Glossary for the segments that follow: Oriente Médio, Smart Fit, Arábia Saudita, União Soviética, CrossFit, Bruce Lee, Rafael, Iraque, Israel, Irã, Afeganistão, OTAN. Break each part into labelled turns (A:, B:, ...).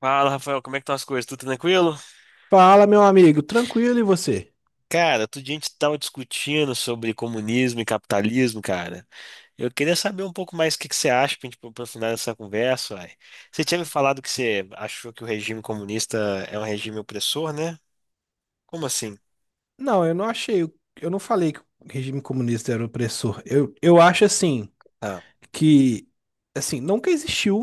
A: Fala, Rafael, como é que estão as coisas? Tudo tranquilo?
B: Fala, meu amigo, tranquilo e você?
A: Cara, outro dia a gente estava discutindo sobre comunismo e capitalismo, cara. Eu queria saber um pouco mais o que que você acha para a gente aprofundar essa conversa, uai. Você tinha me falado que você achou que o regime comunista é um regime opressor, né? Como assim?
B: Não, eu não achei, eu não falei que o regime comunista era opressor. Eu acho assim
A: Ah,
B: que assim, nunca existiu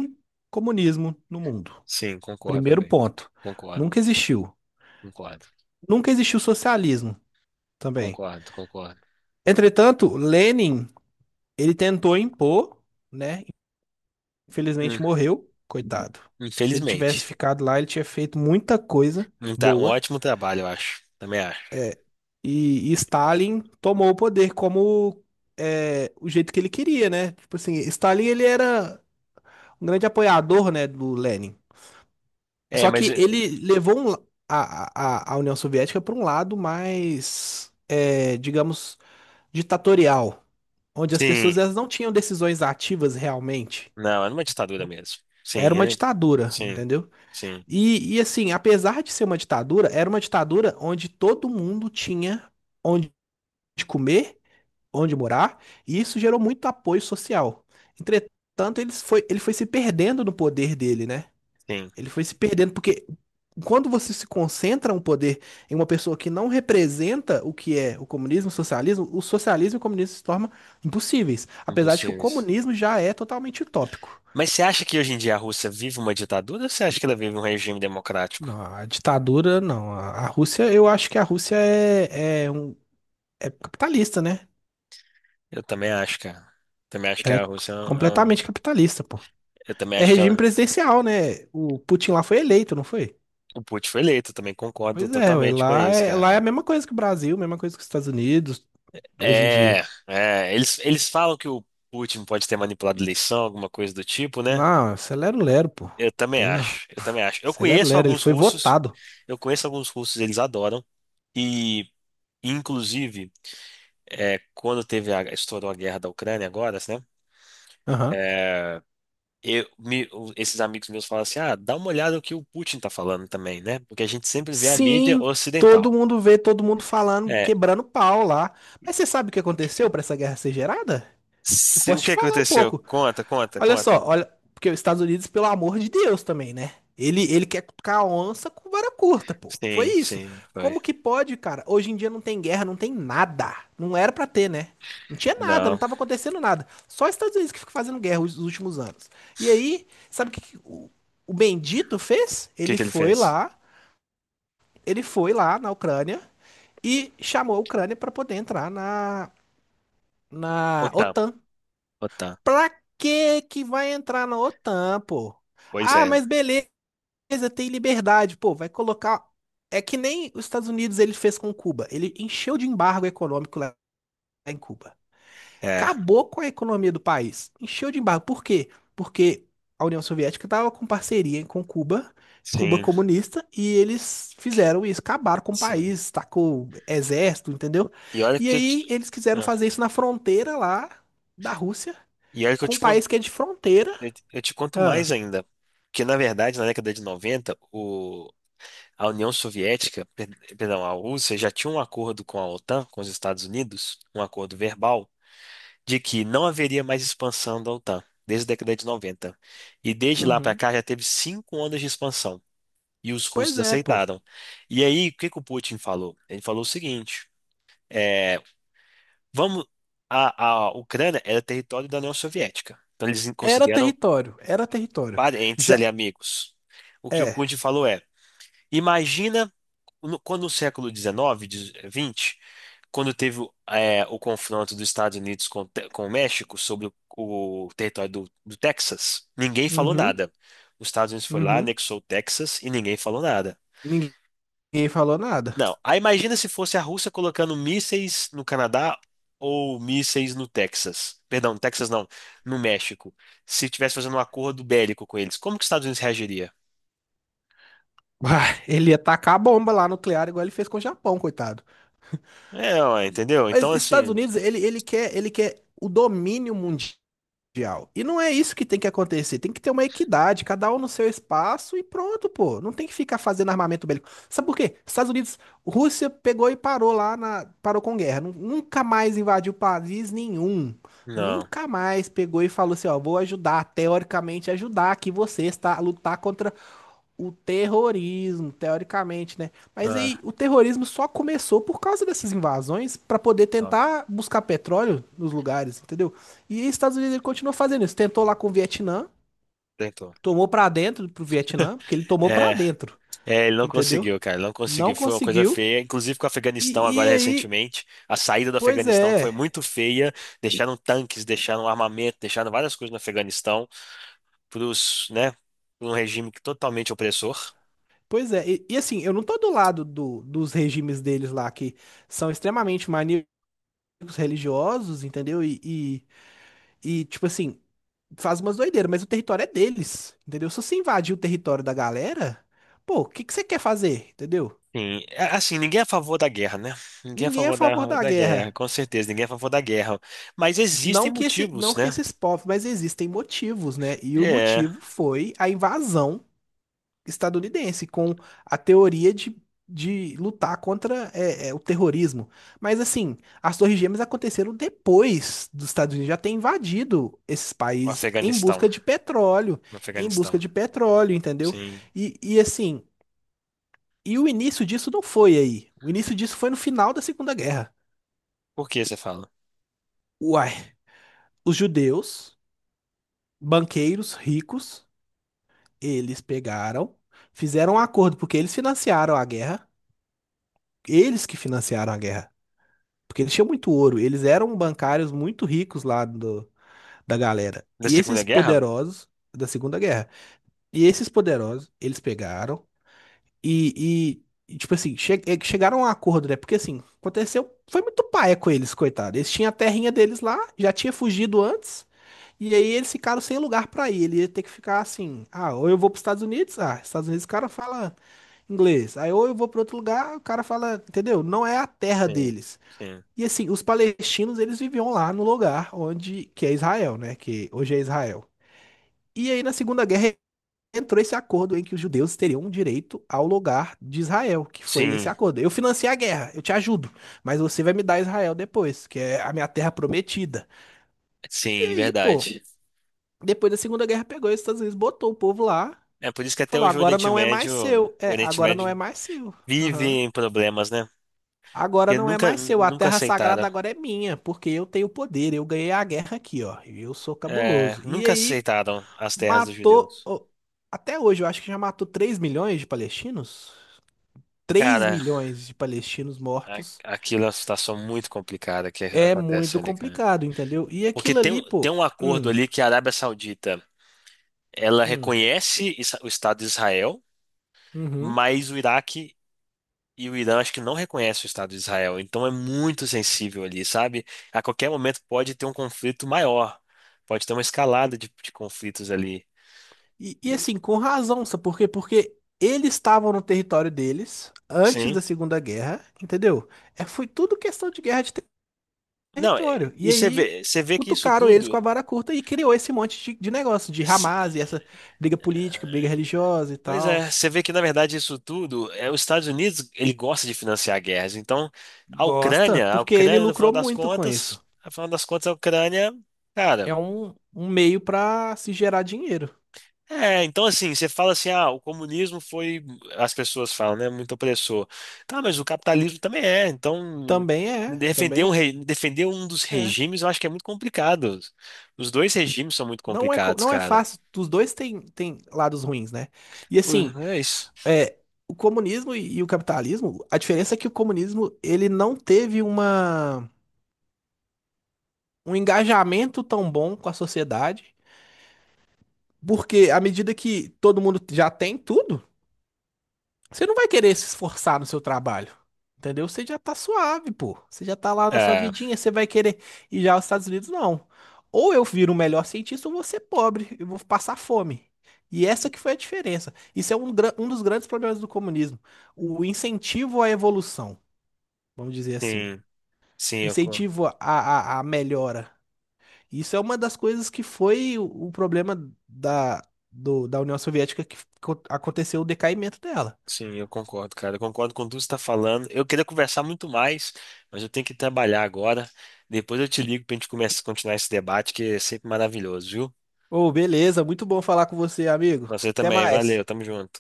B: comunismo no mundo.
A: sim, concordo
B: Primeiro
A: também.
B: ponto.
A: Concordo,
B: Nunca existiu.
A: concordo,
B: Nunca existiu socialismo também.
A: concordo, concordo.
B: Entretanto, Lenin, ele tentou impor, né?
A: Hum,
B: Infelizmente morreu, coitado. Se ele tivesse
A: Infelizmente.
B: ficado lá, ele tinha feito muita coisa
A: Tá, um
B: boa.
A: ótimo trabalho, eu acho. Também acho.
B: E Stalin tomou o poder como é, o jeito que ele queria, né? Tipo assim, Stalin ele era um grande apoiador, né, do Lenin.
A: É,
B: Só
A: mas...
B: que ele levou a União Soviética para um lado mais, digamos, ditatorial, onde as
A: sim,
B: pessoas elas não tinham decisões ativas realmente.
A: não, era uma ditadura mesmo.
B: Era
A: Sim,
B: uma
A: ele...
B: ditadura,
A: sim,
B: entendeu?
A: sim,
B: E assim, apesar de ser uma ditadura, era uma ditadura onde todo mundo tinha onde comer, onde morar, e isso gerou muito apoio social. Entretanto, ele foi se perdendo no poder dele, né?
A: sim.
B: Ele foi se perdendo, porque quando você se concentra um poder em uma pessoa que não representa o que é o comunismo, o socialismo e o comunismo se tornam impossíveis, apesar de que o
A: Impossível.
B: comunismo já é totalmente utópico.
A: Mas você acha que hoje em dia a Rússia vive uma ditadura ou você acha que ela vive um regime democrático?
B: Não, a ditadura, não. A Rússia, eu acho que a Rússia é capitalista, né?
A: Eu também acho, cara. Também acho que
B: Ela
A: a
B: é
A: Rússia é um-
B: completamente capitalista, pô.
A: eu também
B: É
A: acho que
B: regime
A: ela...
B: presidencial, né? O Putin lá foi eleito, não foi?
A: o Putin foi eleito, eu também concordo
B: Pois é, ué,
A: totalmente com
B: lá
A: isso,
B: é, lá é a
A: cara.
B: mesma coisa que o Brasil, mesma coisa que os Estados Unidos, hoje em
A: É,
B: dia.
A: eles, eles falam que o Putin pode ter manipulado a eleição, alguma coisa do tipo, né?
B: Não, isso é lero-lero, pô.
A: Eu também
B: Tem não.
A: acho, eu também acho. Eu
B: Isso é
A: conheço
B: lero-lero, ele
A: alguns
B: foi
A: russos,
B: votado.
A: eu conheço alguns russos, eles adoram, e inclusive. É, quando teve a, estourou a guerra da Ucrânia agora, né?
B: Aham.
A: Eu, me- o- esses amigos meus falaram assim, ah, dá uma olhada no que o Putin tá falando também, né? Porque a gente sempre vê a mídia
B: Sim, todo
A: ocidental.
B: mundo vê, todo mundo falando,
A: É,
B: quebrando pau lá. Mas você sabe o que aconteceu para essa guerra ser gerada? Eu
A: se- o
B: posso te
A: que
B: falar um
A: aconteceu?
B: pouco.
A: Conta, conta,
B: Olha só,
A: conta.
B: olha, porque os Estados Unidos, pelo amor de Deus, também, né? Ele quer cutucar a onça com vara curta, pô. Foi
A: Sim,
B: isso.
A: sim, foi.
B: Como que pode, cara? Hoje em dia não tem guerra, não tem nada. Não era pra ter, né? Não tinha nada,
A: Não.
B: não
A: O
B: tava acontecendo nada. Só os Estados Unidos que fica fazendo guerra os últimos anos. E aí, sabe o que que o Bendito fez?
A: que
B: Ele
A: que ele
B: foi
A: fez?
B: lá, ele foi lá na Ucrânia e chamou a Ucrânia pra poder entrar na
A: OTAN,
B: OTAN.
A: OTAN.
B: Pra que que vai entrar na OTAN, pô?
A: Pois
B: Ah,
A: é.
B: mas beleza, tem liberdade, pô, vai colocar. É que nem os Estados Unidos ele fez com Cuba. Ele encheu de embargo econômico lá em Cuba.
A: É,
B: Acabou com a economia do país. Encheu de embargo. Por quê? Porque a União Soviética estava com parceria com Cuba, Cuba
A: sim,
B: comunista, e eles fizeram isso, acabaram com o
A: sim.
B: país, tacou exército, entendeu?
A: E olha
B: E
A: que eu te,
B: aí eles quiseram
A: ah,
B: fazer isso na fronteira lá da Rússia
A: e olha que eu
B: com
A: te
B: um
A: conto,
B: país que é de fronteira.
A: eu te conto
B: Ah,
A: mais ainda. Que na verdade, na década de 90 o, a União Soviética, per- perdão, a Rússia já tinha um acordo com a OTAN, com os Estados Unidos, um acordo verbal, de que não haveria mais expansão da OTAN, desde a década de 90. E desde lá para
B: uhum.
A: cá já teve cinco ondas de expansão. E os
B: Pois
A: russos
B: é, pô.
A: aceitaram. E aí, o que que o Putin falou? Ele falou o seguinte: é, vamos. A Ucrânia era território da União Soviética. Então, eles
B: Era
A: consideram
B: território, era território.
A: parentes
B: Já
A: ali, amigos. O que o
B: é.
A: Putin falou é. Imagina no- quando no século XIX, de- XX, quando teve o confronto dos Estados Unidos com, o Te- com o México sobre o território do, do Texas, ninguém falou
B: Uhum,
A: nada. Os Estados Unidos foi lá,
B: uhum.
A: anexou o Texas e ninguém falou nada.
B: Ninguém falou nada.
A: Não, aí imagina se fosse a Rússia colocando mísseis no Canadá ou mísseis no Texas. Perdão, no Texas não, no México. Se tivesse fazendo um acordo bélico com eles, como que os Estados Unidos reagiria?
B: Uai, ele ia tacar a bomba lá nuclear igual ele fez com o Japão, coitado.
A: É, ó, entendeu? Então,
B: Mas Estados
A: assim,
B: Unidos, ele quer o domínio mundial. Mundial. E não é isso que tem que acontecer. Tem que ter uma equidade, cada um no seu espaço e pronto, pô. Não tem que ficar fazendo armamento bélico. Sabe por quê? Estados Unidos, Rússia pegou e parou lá parou com guerra. Nunca mais invadiu país nenhum.
A: não.
B: Nunca mais pegou e falou assim, ó, vou ajudar, teoricamente ajudar aqui vocês, tá? A lutar contra o terrorismo, teoricamente, né? Mas aí
A: Ah,
B: o terrorismo só começou por causa dessas invasões para poder
A: não,
B: tentar buscar petróleo nos lugares, entendeu? E os Estados Unidos ele continuou fazendo isso, tentou lá com o Vietnã,
A: tentou.
B: tomou para dentro pro Vietnã, porque ele tomou para
A: É.
B: dentro,
A: É, ele não
B: entendeu?
A: conseguiu, cara, não
B: Não
A: conseguiu. Foi uma coisa
B: conseguiu.
A: feia. Inclusive com o Afeganistão
B: E
A: agora
B: aí,
A: recentemente, a saída do
B: pois
A: Afeganistão foi
B: é,
A: muito feia. Deixaram tanques, deixaram armamento, deixaram várias coisas no Afeganistão para os, né, pra um regime que totalmente opressor.
B: pois é. E assim, eu não tô do lado do, dos regimes deles lá que são extremamente maníacos religiosos, entendeu? E tipo assim, faz umas doideiras, mas o território é deles, entendeu? Se você invadir o território da galera, pô, o que que você quer fazer, entendeu?
A: Sim, é, assim, ninguém é a favor da guerra, né? Ninguém é a
B: Ninguém é a
A: favor
B: favor
A: da,
B: da
A: da guerra,
B: guerra.
A: com certeza, ninguém é a favor da guerra. Mas existem
B: Não que esse, não
A: motivos,
B: que
A: né?
B: esses povos, mas existem motivos, né? E o
A: É,
B: motivo foi a invasão estadunidense, com a teoria de lutar contra o terrorismo. Mas assim, as Torres Gêmeas aconteceram depois dos Estados Unidos já ter invadido esses
A: o
B: países em
A: Afeganistão,
B: busca de petróleo,
A: o
B: em busca
A: Afeganistão.
B: de petróleo, entendeu?
A: Sim.
B: E assim, e o início disso não foi aí. O início disso foi no final da Segunda Guerra.
A: Por que você fala?
B: Uai, os judeus, banqueiros ricos, eles pegaram, fizeram um acordo, porque eles financiaram a guerra. Eles que financiaram a guerra. Porque eles tinham muito ouro. Eles eram bancários muito ricos lá do, da galera.
A: Da
B: E esses
A: Segunda Guerra?
B: poderosos da Segunda Guerra. E esses poderosos, eles pegaram. E, tipo assim, chegaram a um acordo, né? Porque assim, aconteceu, foi muito paia com eles, coitado. Eles tinham a terrinha deles lá, já tinha fugido antes, e aí eles ficaram sem lugar pra ir. Ele ia ter que ficar assim, ah, ou eu vou pros Estados Unidos, ah, Estados Unidos o cara fala inglês. Aí ou eu vou pra outro lugar, o cara fala, entendeu? Não é a terra
A: Sim,
B: deles.
A: sim.
B: E assim, os palestinos, eles viviam lá no lugar onde que é Israel, né? Que hoje é Israel. E aí na Segunda Guerra entrou esse acordo em que os judeus teriam direito ao lugar de Israel, que foi esse
A: Sim.
B: acordo. Eu financiei a guerra, eu te ajudo, mas você vai me dar Israel depois, que é a minha terra prometida. E
A: Sim,
B: aí, pô,
A: verdade.
B: depois da Segunda Guerra pegou os Estados Unidos, botou o povo lá,
A: É por isso que até
B: falou:
A: hoje
B: agora não é mais seu.
A: O
B: É,
A: Oriente
B: agora não é
A: Médio
B: mais seu.
A: vive
B: Aham.
A: em problemas, né?
B: Agora
A: Porque
B: não é
A: nunca,
B: mais seu, a
A: nunca
B: terra sagrada
A: aceitaram,
B: agora é minha, porque eu tenho poder, eu ganhei a guerra aqui, ó, e eu sou cabuloso. E
A: nunca
B: aí,
A: aceitaram as terras dos
B: matou,
A: judeus.
B: ó, até hoje, eu acho que já matou 3 milhões de palestinos. Três
A: Cara,
B: milhões de palestinos
A: a-
B: mortos,
A: aquilo é uma situação muito complicada que
B: é
A: acontece
B: muito
A: ali, cara.
B: complicado, entendeu? E
A: Porque
B: aquilo ali,
A: tem
B: pô.
A: um acordo
B: Hum,
A: ali que a Arábia Saudita, ela
B: hum,
A: reconhece Isra- o Estado de Israel,
B: uhum.
A: mas o Iraque e o Irã acho que não reconhece o Estado de Israel, então é muito sensível ali, sabe? A qualquer momento pode ter um conflito maior, pode ter uma escalada de conflitos ali.
B: E
A: E-
B: assim, com razão, sabe por quê? Porque eles estavam no território deles antes
A: sim.
B: da Segunda Guerra, entendeu? É, foi tudo questão de guerra de ter-
A: Não, é-
B: território. E
A: e
B: aí.
A: você vê que isso
B: Cutucaram eles com
A: tudo.
B: a vara curta e criou esse monte de negócio, de
A: Se-
B: Hamas e essa briga política, briga religiosa e
A: pois é,
B: tal.
A: você vê que na verdade isso tudo é os Estados Unidos, ele gosta de financiar guerras. Então,
B: Gosta,
A: A
B: porque ele
A: Ucrânia no final
B: lucrou
A: das
B: muito com isso.
A: contas, no final das contas a Ucrânia,
B: É
A: cara.
B: um meio pra se gerar dinheiro.
A: É, então assim, você fala assim, ah, o comunismo foi, as pessoas falam, né, muito opressor. Tá, mas o capitalismo também é, então
B: Também é,
A: defender um,
B: também
A: re- defender um dos
B: é.
A: regimes eu acho que é muito complicado. Os dois regimes são muito
B: Não é,
A: complicados,
B: não é
A: cara.
B: fácil. Os dois têm lados ruins, né? E assim,
A: É isso.
B: é, o comunismo e o capitalismo, a diferença é que o comunismo ele não teve uma, um engajamento tão bom com a sociedade, porque à medida que todo mundo já tem tudo, você não vai querer se esforçar no seu trabalho. Entendeu? Você já tá suave, pô. Você já tá lá na sua
A: É,
B: vidinha, você vai querer ir já aos Estados Unidos, não. Ou eu viro o melhor cientista ou vou ser pobre e vou passar fome. E essa que foi a diferença. Isso é um dos grandes problemas do comunismo. O incentivo à evolução, vamos dizer assim.
A: sim, sim,
B: O
A: eu, con-
B: incentivo à melhora. Isso é uma das coisas que foi o problema da, da União Soviética que aconteceu o decaimento dela.
A: sim, eu concordo, cara. Eu concordo com tudo que você está falando. Eu queria conversar muito mais, mas eu tenho que trabalhar agora. Depois eu te ligo pra gente começar, continuar esse debate, que é sempre maravilhoso, viu?
B: Ô, beleza, muito bom falar com você, amigo.
A: Você
B: Até
A: também, valeu,
B: mais.
A: tamo junto.